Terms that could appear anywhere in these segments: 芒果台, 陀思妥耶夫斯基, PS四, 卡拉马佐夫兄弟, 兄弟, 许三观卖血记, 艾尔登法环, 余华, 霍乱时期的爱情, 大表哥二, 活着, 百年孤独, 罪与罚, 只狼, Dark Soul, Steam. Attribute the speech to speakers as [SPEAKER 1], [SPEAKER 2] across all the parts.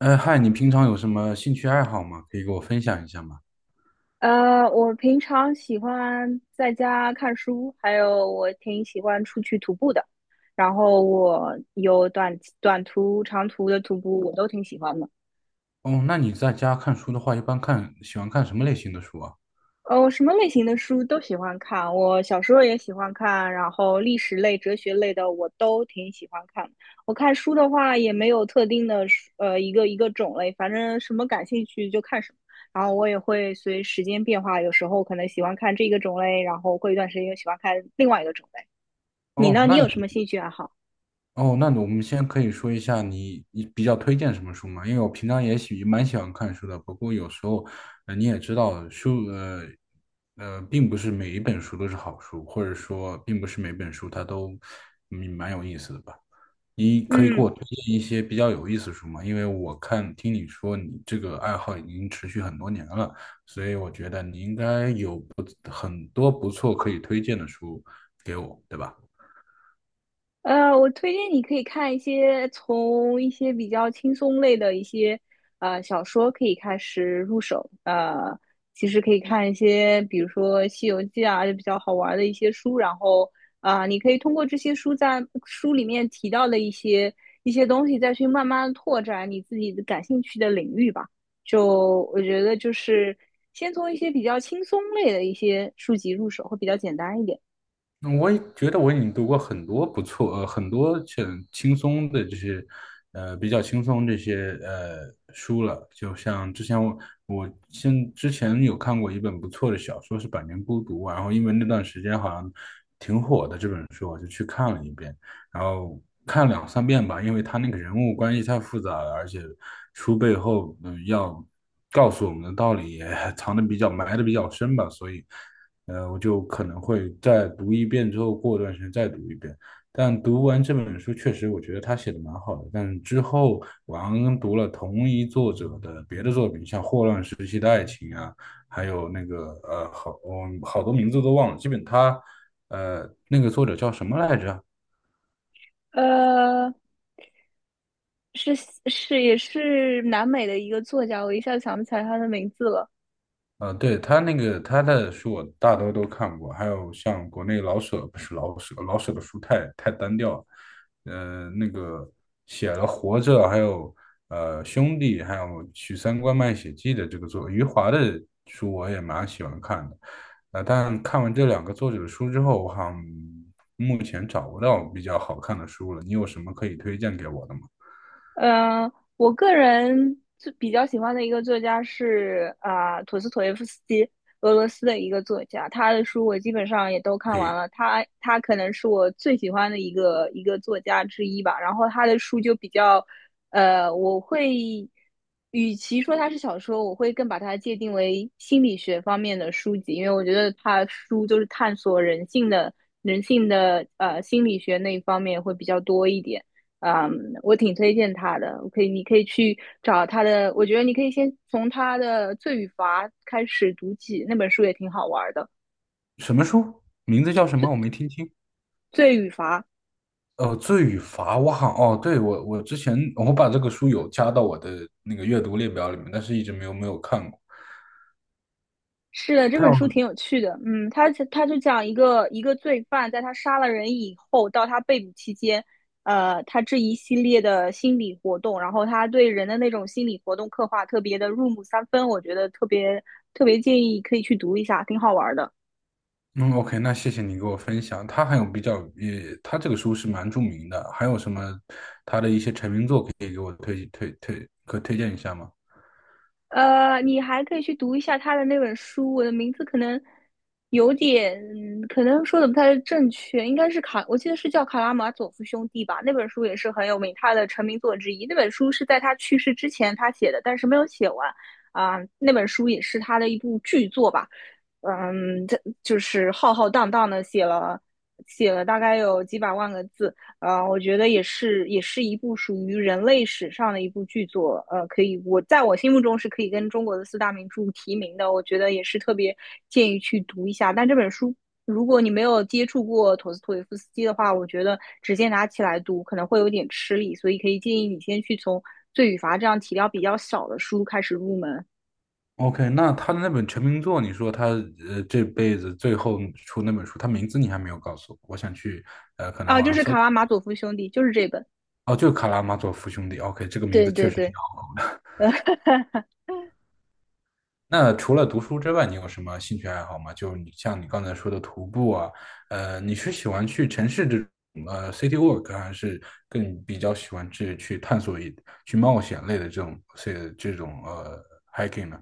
[SPEAKER 1] 哎嗨，你平常有什么兴趣爱好吗？可以给我分享一下吗？
[SPEAKER 2] 我平常喜欢在家看书，还有我挺喜欢出去徒步的。然后我有短途、长途的徒步，我都挺喜欢的。
[SPEAKER 1] 哦，那你在家看书的话，一般看，喜欢看什么类型的书啊？
[SPEAKER 2] 我什么类型的书都喜欢看，我小时候也喜欢看，然后历史类、哲学类的我都挺喜欢看。我看书的话也没有特定的书一个种类，反正什么感兴趣就看什么。然后我也会随时间变化，有时候可能喜欢看这个种类，然后过一段时间又喜欢看另外一个种类。你
[SPEAKER 1] 哦，
[SPEAKER 2] 呢？你
[SPEAKER 1] 那你，
[SPEAKER 2] 有什么兴趣爱好？
[SPEAKER 1] 哦，那我们先可以说一下你比较推荐什么书吗？因为我平常也喜蛮喜欢看书的，不过有时候，你也知道，书，并不是每一本书都是好书，或者说，并不是每本书它都，蛮有意思的吧。你可以给
[SPEAKER 2] 嗯，
[SPEAKER 1] 我推荐一些比较有意思的书吗？因为我看听你说你这个爱好已经持续很多年了，所以我觉得你应该有不很多不错可以推荐的书给我，对吧？
[SPEAKER 2] 我推荐你可以看一些从一些比较轻松类的一些小说可以开始入手。其实可以看一些，比如说《西游记》啊，就比较好玩的一些书。然后你可以通过这些书在书里面提到的一些东西，再去慢慢拓展你自己的感兴趣的领域吧。就我觉得就是先从一些比较轻松类的一些书籍入手，会比较简单一点。
[SPEAKER 1] 那我也觉得我已经读过很多不错，很多很轻松的这些，比较轻松这些书了。就像之前我我现之前有看过一本不错的小说是《百年孤独》啊，然后因为那段时间好像。然后看了两三遍吧，因为他那个人物关系太复杂了，而且书背后要告诉我们的道理也 藏的比较埋的比较深吧，所以我就可能会再读一遍之后，过段时间再读一遍。但读完这本书，确实我觉得他写的蛮好的。但之后我刚刚读了同一作者的别的作品，像《霍乱时期的爱情》啊，还有那个好，我好多名字都忘了。基本他那个作者叫什么来着？
[SPEAKER 2] 呃，是是也是南美的一个作家，我一下想不起来他的名字了。
[SPEAKER 1] 对，他那个他的书我大多都看过，还有像国内老舍，不是老舍，老舍的书太单调了，那个写了《活着》，还有《兄弟》，还有《许三观卖血记》的这个作，余华的书我也蛮喜欢看的。但看完这两个作者的书之后，我好像目前找不到比较好看的书了，你有什么可以推荐给我的吗？
[SPEAKER 2] 嗯，我个人最比较喜欢的一个作家是啊，陀思妥耶夫斯基，俄罗斯的一个作家，他的书我基本上也都看完
[SPEAKER 1] 呸，
[SPEAKER 2] 了。他可能是我最喜欢的一个作家之一吧。然后他的书就比较，我会与其说它是小说，我会更把它界定为心理学方面的书籍，因为我觉得他书就是探索人性的心理学那一方面会比较多一点。我挺推荐他的，我可以，你可以去找他的。我觉得你可以先从他的《罪与罚》开始读起，那本书也挺好玩儿的，
[SPEAKER 1] 什么书？名字叫什么？我没听清。
[SPEAKER 2] 《罪与罚》
[SPEAKER 1] 呃，罪与罚，我好哦，对我之前我把这个书有加到我的那个阅读列表里面，但是一直没有看过。
[SPEAKER 2] 是的，这
[SPEAKER 1] 他
[SPEAKER 2] 本
[SPEAKER 1] 有
[SPEAKER 2] 书挺有趣的。嗯，他就讲一个罪犯，在他杀了人以后，到他被捕期间，他这一系列的心理活动，然后他对人的那种心理活动刻画特别的入木三分，我觉得特别特别建议可以去读一下，挺好玩儿的。
[SPEAKER 1] 嗯，OK，那谢谢你给我分享。他还有比较也，他这个书是蛮著名的，还有什么他的一些成名作可以给我推荐一下吗
[SPEAKER 2] 你还可以去读一下他的那本书，我的名字可能有点，可能说的不太正确，应该是卡，我记得是叫《卡拉马佐夫兄弟》吧。那本书也是很有名，他的成名作之一。那本书是在他去世之前他写的，但是没有写完那本书也是他的一部巨作吧。他就是浩浩荡荡的写了大概有几百万个字，我觉得也是，也是一部属于人类史上的一部巨作。可以，我在我心目中是可以跟中国的四大名著提名的。我觉得也是特别建议去读一下。但这本书，如果你没有接触过陀思妥耶夫斯基的话，我觉得直接拿起来读可能会有点吃力，所以可以建议你先去从《罪与罚》这样体量比较小的书开始入门。
[SPEAKER 1] ？OK，那他的那本成名作，你说他这辈子最后出那本书，他名字你还没有告诉我，我想去可能
[SPEAKER 2] 就
[SPEAKER 1] 吗？
[SPEAKER 2] 是《卡拉马佐夫兄弟》，就是这本。
[SPEAKER 1] 哦，就《卡拉马佐夫兄弟》。OK，这个名
[SPEAKER 2] 对
[SPEAKER 1] 字确
[SPEAKER 2] 对
[SPEAKER 1] 实。
[SPEAKER 2] 对，呃，
[SPEAKER 1] 那除了读书之外，你有什么兴趣爱好吗？就你像你刚才说的徒步啊，你是喜欢去城市这种city walk，还是更比较喜欢去探索一去冒险类的这种 hiking 呢？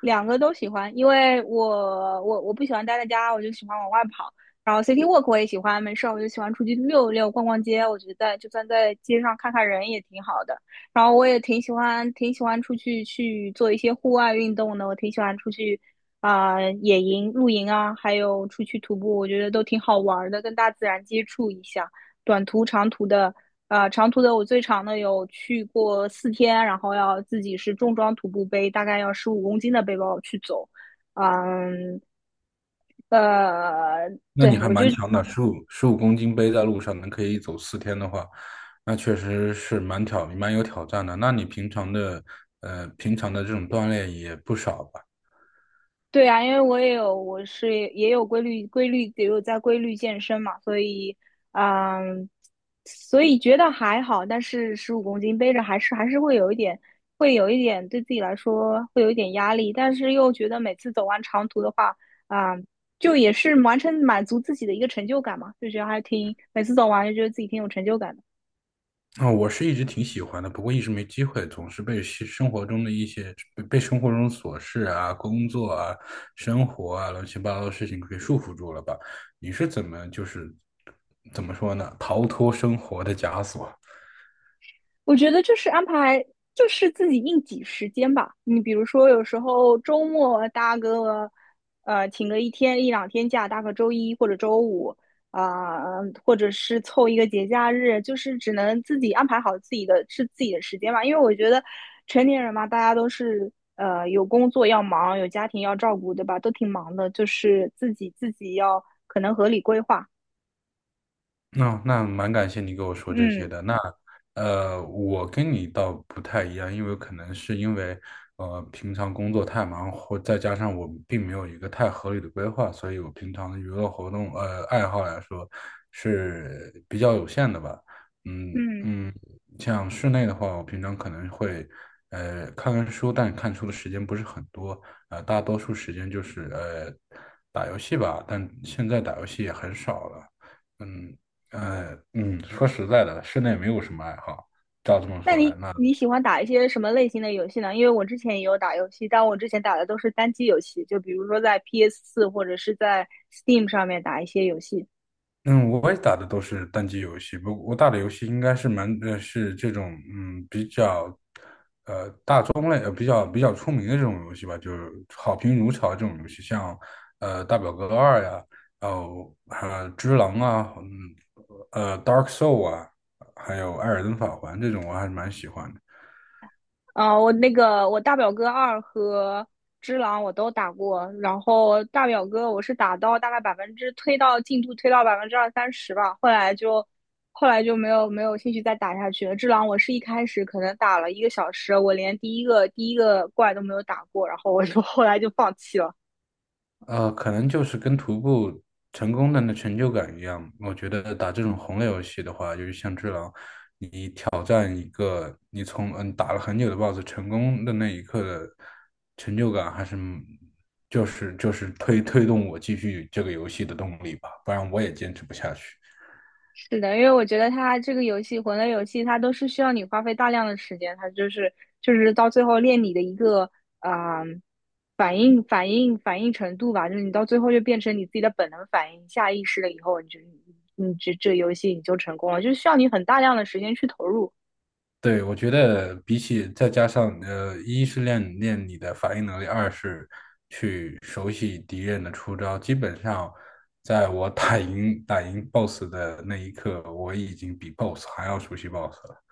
[SPEAKER 2] 两个都喜欢，因为我不喜欢待在家，我就喜欢往外跑。然后 city walk 我也喜欢，没事我就喜欢出去溜一溜、逛逛街。我觉得就算在街上看看人也挺好的。然后我也挺喜欢，挺喜欢出去去做一些户外运动的。我挺喜欢出去野营、露营啊，还有出去徒步，我觉得都挺好玩的，跟大自然接触一下。短途、长途的。长途的我最长的有去过4天，然后要自己是重装徒步背，大概要十五公斤的背包去走。嗯，呃，
[SPEAKER 1] 那你
[SPEAKER 2] 对，
[SPEAKER 1] 还蛮强的，十五公斤背在路上能可以走4天的话，那确实是蛮有挑战的。那你平常的这种锻炼也不少吧？
[SPEAKER 2] 对啊，因为我也有，我是也有规律，规律也有在规律健身嘛，所以，嗯，所以觉得还好，但是十五公斤背着还是会有一点，会有一点对自己来说会有一点压力，但是又觉得每次走完长途的话，啊、就也是完成满足自己的一个成就感嘛，就觉得还挺，每次走完就觉得自己挺有成就感的。
[SPEAKER 1] 啊、我是一直挺喜欢的，不过一直没机会，总是被西生活中的一些被生活中琐事啊、工作啊、生活啊乱七八糟的事情给束缚住了吧？你是怎么说呢？逃脱生活的枷锁？
[SPEAKER 2] 我觉得就是安排，就是自己硬挤时间吧。你比如说，有时候周末啊搭个，请个一天一两天假，搭个周一或者周五，啊、或者是凑一个节假日，就是只能自己安排好自己的是自己的时间吧。因为我觉得成年人嘛，大家都是有工作要忙，有家庭要照顾，对吧？都挺忙的，就是自己要可能合理规划。
[SPEAKER 1] 那那蛮感谢你给我说这些
[SPEAKER 2] 嗯
[SPEAKER 1] 的。那我跟你倒不太一样，因为可能是因为平常工作太忙，或再加上我并没有一个太合理的规划，所以我平常的娱乐活动爱好来说是比较有限的吧。嗯
[SPEAKER 2] 嗯。
[SPEAKER 1] 嗯，像室内的话，我平常可能会看看书，但看书的时间不是很多，大多数时间就是打游戏吧，但现在打游戏也很少了。嗯，说实在的，室内没有什么爱好。照这么
[SPEAKER 2] 那
[SPEAKER 1] 说来，
[SPEAKER 2] 你
[SPEAKER 1] 那
[SPEAKER 2] 你喜欢打一些什么类型的游戏呢？因为我之前也有打游戏，但我之前打的都是单机游戏，就比如说在 PS4或者是在 Steam 上面打一些游戏。
[SPEAKER 1] 嗯，我也打的都是单机游戏，不，我打的游戏应该是是这种比较比较比较出名的这种游戏吧，就是好评如潮这种游戏，像大表哥二呀，然后只狼啊，Dark Soul 啊，还有艾尔登法环这种，我还是蛮喜欢的。
[SPEAKER 2] 我那个我大表哥二和只狼我都打过，然后大表哥我是打到大概百分之推到进度推到20%-30%吧，后来就没有兴趣再打下去了。只狼我是一开始可能打了1个小时，我连第一个怪都没有打过，然后我就 后来就放弃了。
[SPEAKER 1] 可能就是跟徒步成功的那成就感一样。我觉得打这种红类游戏的话，就是像《只狼》，挑战一个你从打了很久的 BOSS 成功的那一刻的成就感，还是就是动我继续这个游戏的动力吧，不然我也坚持不下去。
[SPEAKER 2] 是的，因为我觉得它这个游戏魂类游戏，它都是需要你花费大量的时间，它就是到最后练你的一个啊、反应程度吧，就是你到最后就变成你自己的本能反应，下意识了以后，你这游戏你就成功了，就是需要你很大量的时间去投入。
[SPEAKER 1] 对，我觉得比起再加上一是练练你的反应能力，二是去熟悉敌人的出招。基本上，在我打赢 BOSS 的那一刻，我已经比 BOSS 还要熟悉 BOSS 了。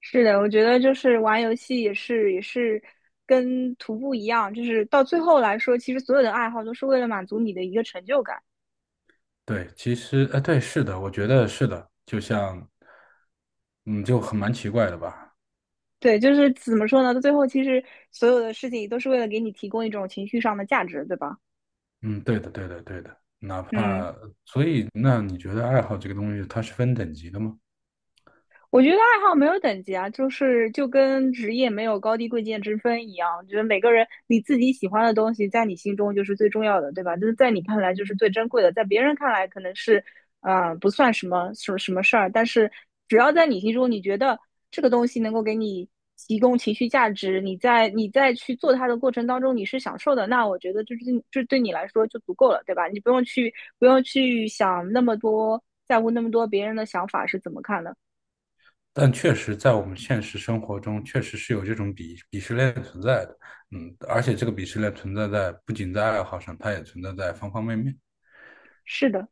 [SPEAKER 2] 是的，我觉得就是玩游戏也是跟徒步一样，就是到最后来说，其实所有的爱好都是为了满足你的一个成就感。
[SPEAKER 1] 对，其实对，是的，我觉得是的，就像嗯，就很蛮奇怪的吧。
[SPEAKER 2] 对，就是怎么说呢？到最后，其实所有的事情都是为了给你提供一种情绪上的价值，对吧？
[SPEAKER 1] 嗯，对的，对的，对的。哪
[SPEAKER 2] 嗯。
[SPEAKER 1] 怕所以，那你觉得爱好这个东西，它是分等级的吗？
[SPEAKER 2] 我觉得爱好没有等级啊，就是就跟职业没有高低贵贱之分一样。我觉得每个人你自己喜欢的东西，在你心中就是最重要的，对吧？就是在你看来就是最珍贵的，在别人看来可能是，不算什么什么什么事儿，但是只要在你心中，你觉得这个东西能够给你提供情绪价值，你在去做它的过程当中你是享受的，那我觉得这对就对你来说就足够了，对吧？你不用去不用去想那么多，在乎那么多别人的想法是怎么看的。
[SPEAKER 1] 但确实，在我们现实生活中，确实是有这种鄙视链存在的。嗯，而且这个鄙视链存在在不仅在爱好上，它也存在在方方面面。
[SPEAKER 2] 是的。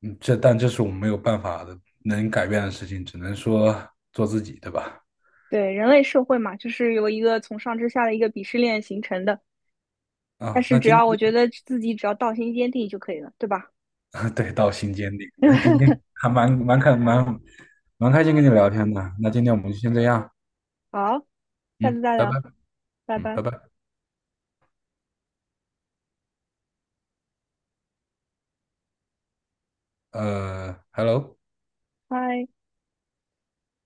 [SPEAKER 1] 嗯，这但这是我们没有办法的，能改变的事情，只能说做自己，对吧？
[SPEAKER 2] 对，人类社会嘛，就是由一个从上至下的一个鄙视链形成的。但
[SPEAKER 1] 啊，
[SPEAKER 2] 是
[SPEAKER 1] 那
[SPEAKER 2] 只
[SPEAKER 1] 今
[SPEAKER 2] 要我
[SPEAKER 1] 天
[SPEAKER 2] 觉得自己只要道心坚定就可以了，对吧？
[SPEAKER 1] 啊 对到心坚定。那今 天还蛮开心跟你聊天的。那今天我们就先这样。
[SPEAKER 2] 好，下次
[SPEAKER 1] 嗯，
[SPEAKER 2] 再
[SPEAKER 1] 拜拜。
[SPEAKER 2] 聊，拜
[SPEAKER 1] 嗯，
[SPEAKER 2] 拜，
[SPEAKER 1] 拜拜。呃，hello。
[SPEAKER 2] 嗨。